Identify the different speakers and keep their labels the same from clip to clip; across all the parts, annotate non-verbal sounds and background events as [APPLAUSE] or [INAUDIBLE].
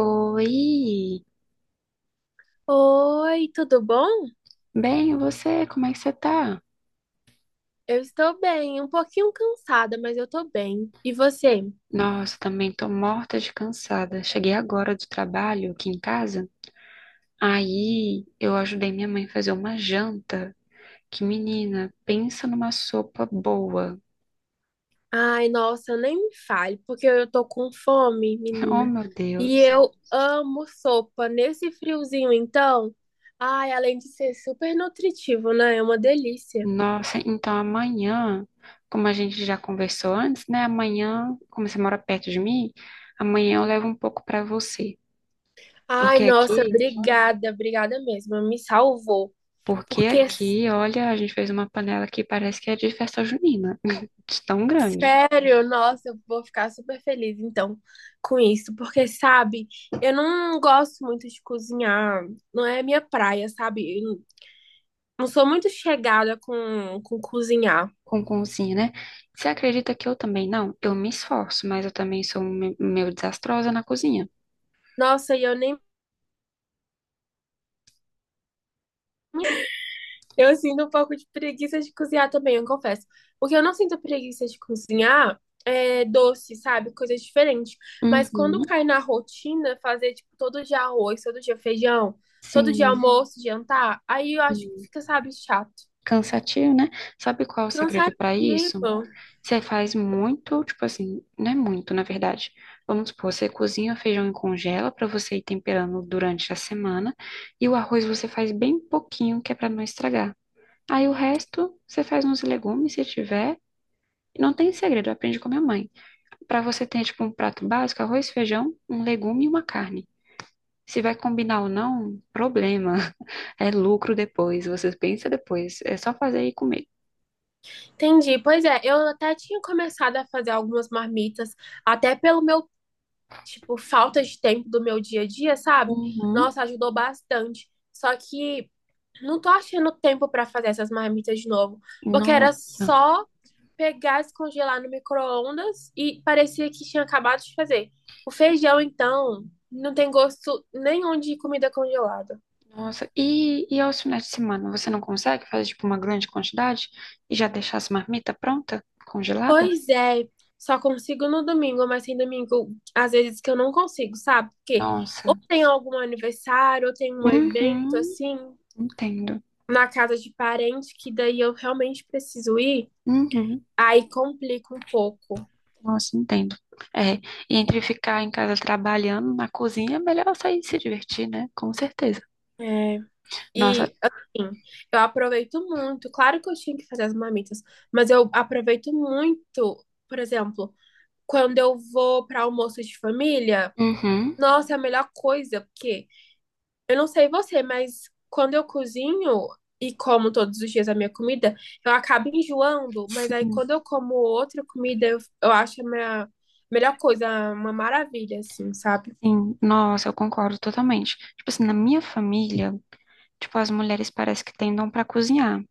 Speaker 1: Oi,
Speaker 2: Oi, tudo bom?
Speaker 1: bem, e você, como é que você tá?
Speaker 2: Eu estou bem, um pouquinho cansada, mas eu tô bem. E você?
Speaker 1: Nossa, também tô morta de cansada. Cheguei agora do trabalho aqui em casa, aí eu ajudei minha mãe a fazer uma janta. Que menina, pensa numa sopa boa.
Speaker 2: Ai, nossa, nem me fale, porque eu tô com fome,
Speaker 1: [LAUGHS] Oh,
Speaker 2: menina.
Speaker 1: meu
Speaker 2: E
Speaker 1: Deus.
Speaker 2: eu amo sopa nesse friozinho, então. Ai, além de ser super nutritivo, né? É uma delícia.
Speaker 1: Nossa, então amanhã, como a gente já conversou antes, né? Amanhã, como você mora perto de mim, amanhã eu levo um pouco pra você.
Speaker 2: Ai,
Speaker 1: Porque
Speaker 2: nossa,
Speaker 1: aqui
Speaker 2: obrigada, obrigada mesmo. Me salvou.
Speaker 1: Porque
Speaker 2: Porque
Speaker 1: aqui, olha, a gente fez uma panela que parece que é de festa junina, [LAUGHS] de tão grande,
Speaker 2: sério? Nossa, eu vou ficar super feliz então com isso, porque sabe, eu não gosto muito de cozinhar, não é minha praia, sabe? Eu não sou muito chegada com cozinhar.
Speaker 1: com concinha, né? Você acredita que eu também não? Eu me esforço, mas eu também sou um meio desastrosa na cozinha.
Speaker 2: Nossa, e eu nem eu sinto um pouco de preguiça de cozinhar também, eu confesso. O que eu não sinto preguiça de cozinhar é doce, sabe? Coisas diferentes. Mas quando
Speaker 1: Uhum,
Speaker 2: cai na rotina, fazer, tipo, todo dia arroz, todo dia feijão, todo dia
Speaker 1: sim,
Speaker 2: almoço, jantar, aí eu acho que
Speaker 1: sim.
Speaker 2: fica, sabe, chato.
Speaker 1: Cansativo, né? Sabe qual é o segredo para isso?
Speaker 2: Cansativo.
Speaker 1: Você faz muito, tipo assim, não é muito, na verdade. Vamos supor, você cozinha o feijão e congela para você ir temperando durante a semana, e o arroz você faz bem pouquinho, que é para não estragar. Aí o resto, você faz uns legumes, se tiver. E não tem segredo, aprende com a minha mãe. Pra você ter, tipo, um prato básico, arroz, feijão, um legume e uma carne. Se vai combinar ou não, problema. [LAUGHS] É lucro depois, você pensa depois. É só fazer e comer.
Speaker 2: Entendi. Pois é, eu até tinha começado a fazer algumas marmitas, até pelo meu, tipo, falta de tempo do meu dia a dia, sabe?
Speaker 1: Uhum.
Speaker 2: Nossa, ajudou bastante. Só que não tô achando tempo pra fazer essas marmitas de novo, porque era
Speaker 1: Nossa.
Speaker 2: só pegar, descongelar no micro-ondas e parecia que tinha acabado de fazer. O feijão, então, não tem gosto nenhum de comida congelada.
Speaker 1: Nossa, e aos finais de semana, você não consegue fazer, tipo, uma grande quantidade e já deixar as marmitas pronta, congelada?
Speaker 2: Pois é, só consigo no domingo, mas tem domingo, às vezes que eu não consigo, sabe? Porque ou
Speaker 1: Nossa.
Speaker 2: tem algum aniversário, ou tem um evento
Speaker 1: Uhum,
Speaker 2: assim,
Speaker 1: entendo.
Speaker 2: na casa de parente, que daí eu realmente preciso ir,
Speaker 1: Uhum.
Speaker 2: aí complica um pouco.
Speaker 1: Nossa, entendo. É, e entre ficar em casa trabalhando na cozinha, é melhor sair e se divertir, né? Com certeza.
Speaker 2: É.
Speaker 1: Nossa,
Speaker 2: E assim, eu aproveito muito, claro que eu tinha que fazer as marmitas, mas eu aproveito muito, por exemplo, quando eu vou para almoço de família,
Speaker 1: uhum,
Speaker 2: nossa, é a melhor coisa, porque. Eu não sei você, mas quando eu cozinho e como todos os dias a minha comida, eu acabo enjoando, mas aí
Speaker 1: sim,
Speaker 2: quando eu como outra comida, eu acho a minha melhor coisa, uma maravilha, assim, sabe?
Speaker 1: sim, nossa, eu concordo totalmente. Tipo assim, na minha família, tipo, as mulheres parece que têm dom pra cozinhar.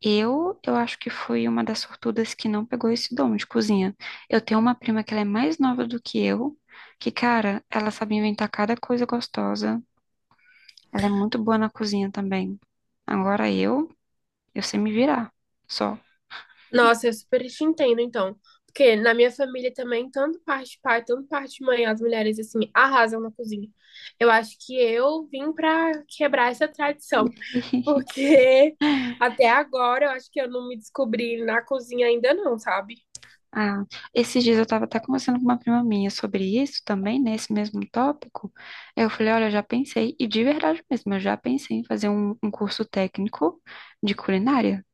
Speaker 1: Eu acho que fui uma das sortudas que não pegou esse dom de cozinha. Eu tenho uma prima que ela é mais nova do que eu, que, cara, ela sabe inventar cada coisa gostosa. Ela é muito boa na cozinha também. Agora eu sei me virar. Só.
Speaker 2: Nossa, eu super te entendo, então. Porque na minha família também, tanto parte de pai, tanto parte de mãe, as mulheres, assim, arrasam na cozinha. Eu acho que eu vim pra quebrar essa tradição.
Speaker 1: [LAUGHS]
Speaker 2: Porque [LAUGHS] até agora eu acho que eu não me descobri na cozinha ainda não, sabe?
Speaker 1: Ah, esses dias eu estava até conversando com uma prima minha sobre isso também, nesse mesmo tópico. Eu falei, olha, eu já pensei, e de verdade mesmo, eu já pensei em fazer um curso técnico de culinária.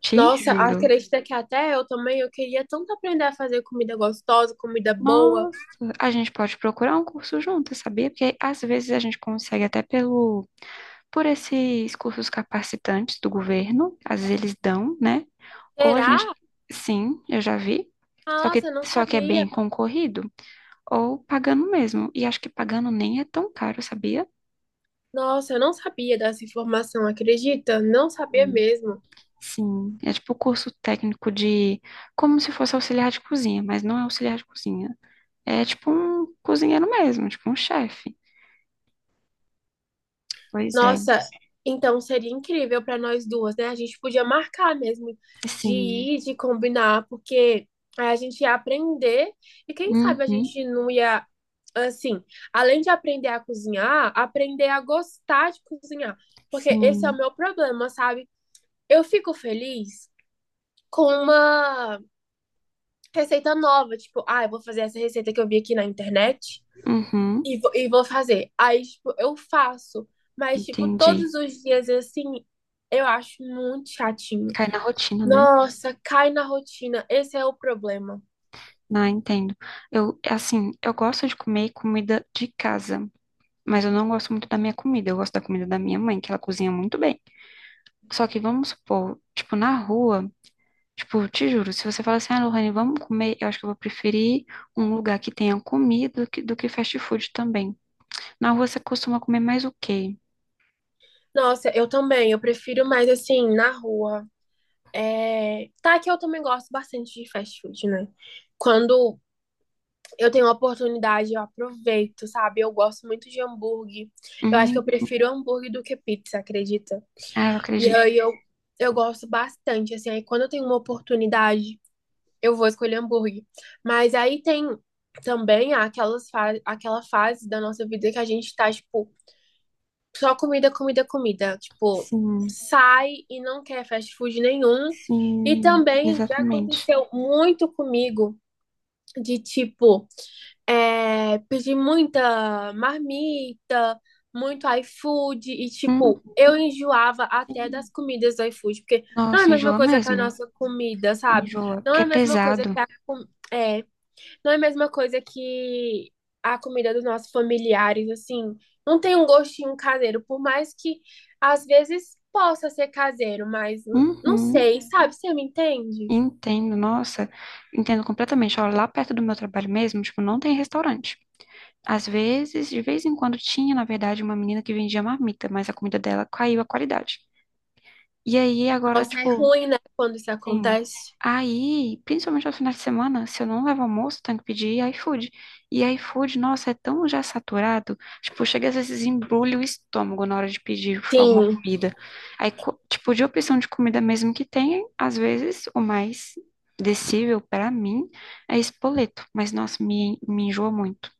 Speaker 1: Te
Speaker 2: Nossa,
Speaker 1: juro.
Speaker 2: acredita que até eu também, eu queria tanto aprender a fazer comida gostosa, comida boa.
Speaker 1: Nossa, a gente pode procurar um curso junto, sabia? Porque às vezes a gente consegue até pelo, por esses cursos capacitantes do governo, às vezes eles dão, né? Ou a
Speaker 2: Será?
Speaker 1: gente, sim, eu já vi, só
Speaker 2: Ah, nossa,
Speaker 1: que,
Speaker 2: eu não
Speaker 1: só que é bem
Speaker 2: sabia.
Speaker 1: concorrido. Ou pagando mesmo. E acho que pagando nem é tão caro, sabia?
Speaker 2: Nossa, eu não sabia dessa informação, acredita? Não sabia
Speaker 1: Hum.
Speaker 2: mesmo.
Speaker 1: Sim, é tipo curso técnico de como se fosse auxiliar de cozinha, mas não é auxiliar de cozinha. É tipo um cozinheiro mesmo, tipo um chefe. Pois é.
Speaker 2: Nossa, então seria incrível para nós duas, né? A gente podia marcar mesmo de
Speaker 1: Sim.
Speaker 2: ir, de combinar, porque a gente ia aprender e quem sabe a
Speaker 1: Uhum.
Speaker 2: gente não ia, assim, além de aprender a cozinhar, aprender a gostar de cozinhar. Porque esse é o
Speaker 1: Sim.
Speaker 2: meu problema, sabe? Eu fico feliz com uma receita nova, tipo, ah, eu vou fazer essa receita que eu vi aqui na internet
Speaker 1: Uhum.
Speaker 2: e vou fazer. Aí, tipo, eu faço, mas, tipo,
Speaker 1: Entendi.
Speaker 2: todos os dias assim, eu acho muito chatinho.
Speaker 1: Cai na rotina, né?
Speaker 2: Nossa, cai na rotina, esse é o problema.
Speaker 1: Não, entendo. Eu, assim, eu gosto de comer comida de casa, mas eu não gosto muito da minha comida. Eu gosto da comida da minha mãe, que ela cozinha muito bem. Só que vamos supor, tipo, na rua. Tipo, te juro, se você falar assim, ah, Lohane, vamos comer, eu acho que eu vou preferir um lugar que tenha comida do que fast food também. Na rua você costuma comer mais o quê?
Speaker 2: Nossa, eu também, eu prefiro mais assim, na rua. Tá que eu também gosto bastante de fast food, né? Quando eu tenho a oportunidade, eu aproveito, sabe? Eu gosto muito de hambúrguer. Eu acho que eu
Speaker 1: Hum,
Speaker 2: prefiro hambúrguer do que pizza, acredita?
Speaker 1: ah, eu
Speaker 2: E
Speaker 1: acredito.
Speaker 2: aí eu gosto bastante, assim. Aí quando eu tenho uma oportunidade, eu vou escolher hambúrguer. Mas aí tem também aquela fase da nossa vida que a gente tá, tipo, só comida, comida, comida. Tipo,
Speaker 1: Sim,
Speaker 2: sai e não quer fast food nenhum. E
Speaker 1: sim,
Speaker 2: também já
Speaker 1: exatamente.
Speaker 2: aconteceu muito comigo de tipo é, pedir muita marmita, muito iFood, e
Speaker 1: Hum,
Speaker 2: tipo, eu enjoava até das
Speaker 1: sim.
Speaker 2: comidas do iFood, porque não é a
Speaker 1: Nossa,
Speaker 2: mesma
Speaker 1: enjoa
Speaker 2: coisa que a
Speaker 1: mesmo.
Speaker 2: nossa comida, sabe?
Speaker 1: Enjoa,
Speaker 2: Não
Speaker 1: porque
Speaker 2: é
Speaker 1: é
Speaker 2: a mesma coisa
Speaker 1: pesado.
Speaker 2: é, não é a mesma coisa que a comida dos nossos familiares, assim, não tem um gostinho caseiro, por mais que às vezes possa ser caseiro, mas não
Speaker 1: Uhum,
Speaker 2: sei, sabe? Você me entende?
Speaker 1: entendo, nossa, entendo completamente. Olha, lá perto do meu trabalho mesmo, tipo, não tem restaurante. Às vezes, de vez em quando tinha, na verdade, uma menina que vendia marmita, mas a comida dela caiu a qualidade. E aí agora,
Speaker 2: Nossa, é
Speaker 1: tipo,
Speaker 2: ruim, né, quando isso
Speaker 1: sim.
Speaker 2: acontece?
Speaker 1: Aí, principalmente aos finais de semana, se eu não levo almoço, tenho que pedir iFood. E iFood, nossa, é tão já saturado. Tipo, chega às vezes embrulha o estômago na hora de pedir tipo, alguma
Speaker 2: Sim.
Speaker 1: comida. Tipo, de opção de comida mesmo que tem, às vezes o mais decível pra mim é espoleto. Mas, nossa, me enjoa muito.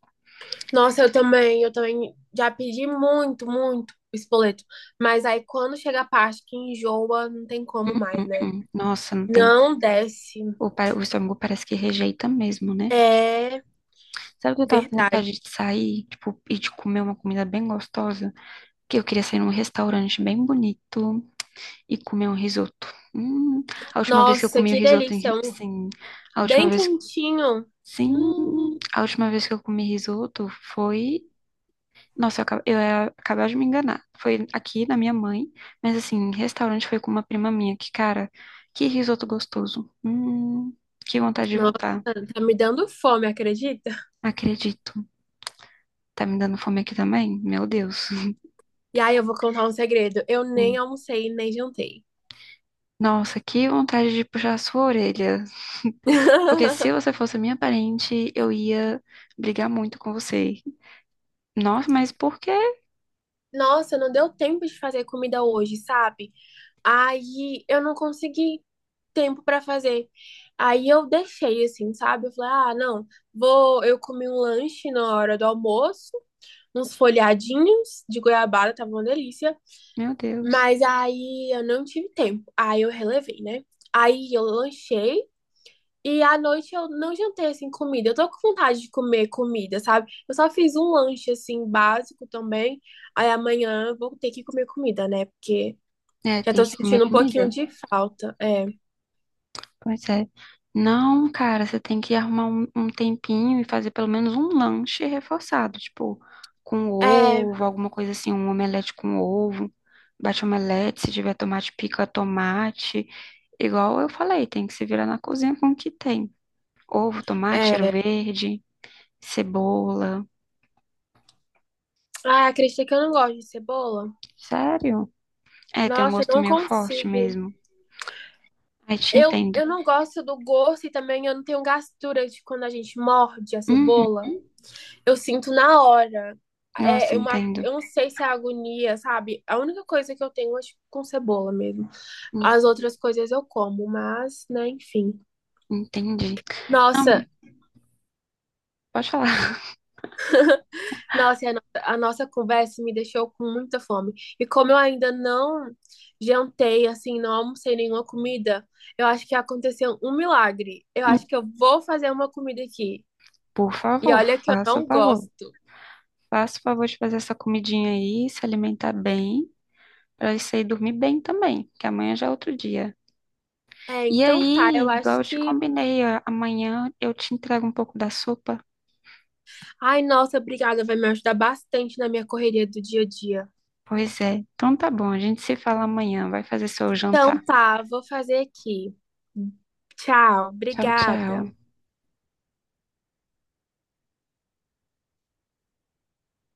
Speaker 2: Nossa, eu também já pedi muito, muito espoleto. Mas aí quando chega a parte que enjoa, não tem como
Speaker 1: Hum,
Speaker 2: mais,
Speaker 1: hum.
Speaker 2: né?
Speaker 1: Hum. Nossa, não tem.
Speaker 2: Não desce.
Speaker 1: O, o estômago parece que rejeita mesmo, né?
Speaker 2: É
Speaker 1: Sabe que eu tava com
Speaker 2: verdade.
Speaker 1: vontade de sair, tipo, e de comer uma comida bem gostosa? Que eu queria sair num restaurante bem bonito e comer um risoto. Hum, a última vez que eu
Speaker 2: Nossa,
Speaker 1: comi o
Speaker 2: que
Speaker 1: risoto,
Speaker 2: delícia. Um
Speaker 1: sim, a última
Speaker 2: bem
Speaker 1: vez,
Speaker 2: quentinho.
Speaker 1: sim,
Speaker 2: Hum,
Speaker 1: a última vez que eu comi risoto foi, nossa, eu ia acabar de me enganar. Foi aqui na minha mãe, mas assim, restaurante foi com uma prima minha, que cara, que risoto gostoso. Que vontade de
Speaker 2: nossa,
Speaker 1: voltar.
Speaker 2: tá me dando fome, acredita?
Speaker 1: Acredito. Tá me dando fome aqui também? Meu Deus.
Speaker 2: E aí eu vou contar um segredo. Eu
Speaker 1: Hum.
Speaker 2: nem almocei, nem jantei.
Speaker 1: Nossa, que vontade de puxar a sua orelha. [LAUGHS] Porque se
Speaker 2: [LAUGHS]
Speaker 1: você fosse minha parente, eu ia brigar muito com você. Nossa, mas por quê?
Speaker 2: Nossa, não deu tempo de fazer comida hoje, sabe? Aí eu não consegui tempo pra fazer. Aí eu deixei assim, sabe? Eu falei: "Ah, não, vou, eu comi um lanche na hora do almoço, uns folhadinhos de goiabada, tava uma delícia,
Speaker 1: Meu Deus.
Speaker 2: mas aí eu não tive tempo. Aí eu relevei, né? Aí eu lanchei e à noite eu não jantei assim comida. Eu tô com vontade de comer comida, sabe? Eu só fiz um lanche assim básico também. Aí amanhã eu vou ter que comer comida, né? Porque
Speaker 1: É,
Speaker 2: já
Speaker 1: tem
Speaker 2: tô
Speaker 1: que comer
Speaker 2: sentindo um pouquinho
Speaker 1: comida.
Speaker 2: de falta. É.
Speaker 1: Pois é. Não, cara, você tem que arrumar um tempinho e fazer pelo menos um lanche reforçado, tipo, com
Speaker 2: É,
Speaker 1: ovo, alguma coisa assim, um omelete com ovo, bate omelete, se tiver tomate, pica tomate. Igual eu falei, tem que se virar na cozinha com o que tem. Ovo, tomate, cheiro
Speaker 2: é.
Speaker 1: verde, cebola.
Speaker 2: Ah, acredita que eu não gosto de cebola?
Speaker 1: Sério? É, tem um
Speaker 2: Nossa, eu
Speaker 1: gosto
Speaker 2: não
Speaker 1: meio forte
Speaker 2: consigo.
Speaker 1: mesmo. Aí te
Speaker 2: Eu,
Speaker 1: entendo.
Speaker 2: eu não gosto do gosto e também eu não tenho gastura de quando a gente morde a
Speaker 1: Uhum.
Speaker 2: cebola. Eu sinto na hora.
Speaker 1: Nossa,
Speaker 2: É uma,
Speaker 1: entendo.
Speaker 2: eu não sei se é agonia, sabe? A única coisa que eu tenho é tipo, com cebola mesmo.
Speaker 1: Hum,
Speaker 2: As outras coisas eu como, mas, né, enfim.
Speaker 1: Entendi. Não,
Speaker 2: Nossa,
Speaker 1: pode falar.
Speaker 2: Nossa, e a, no- a nossa conversa me deixou com muita fome. E como eu ainda não jantei, assim, não almocei nenhuma comida, eu acho que aconteceu um milagre. Eu acho que eu vou fazer uma comida aqui.
Speaker 1: Por
Speaker 2: E
Speaker 1: favor,
Speaker 2: olha que eu
Speaker 1: faça o
Speaker 2: não
Speaker 1: favor.
Speaker 2: gosto.
Speaker 1: Faça o favor de fazer essa comidinha aí, se alimentar bem, para isso aí dormir bem também, que amanhã já é outro dia.
Speaker 2: É,
Speaker 1: E
Speaker 2: então tá,
Speaker 1: aí,
Speaker 2: eu acho
Speaker 1: igual eu te
Speaker 2: que.
Speaker 1: combinei, ó, amanhã eu te entrego um pouco da sopa.
Speaker 2: Ai, nossa, obrigada, vai me ajudar bastante na minha correria do dia a dia.
Speaker 1: Pois é. Então tá bom, a gente se fala amanhã. Vai fazer seu jantar.
Speaker 2: Então tá, vou fazer aqui. Tchau,
Speaker 1: Tchau,
Speaker 2: obrigada.
Speaker 1: tchau.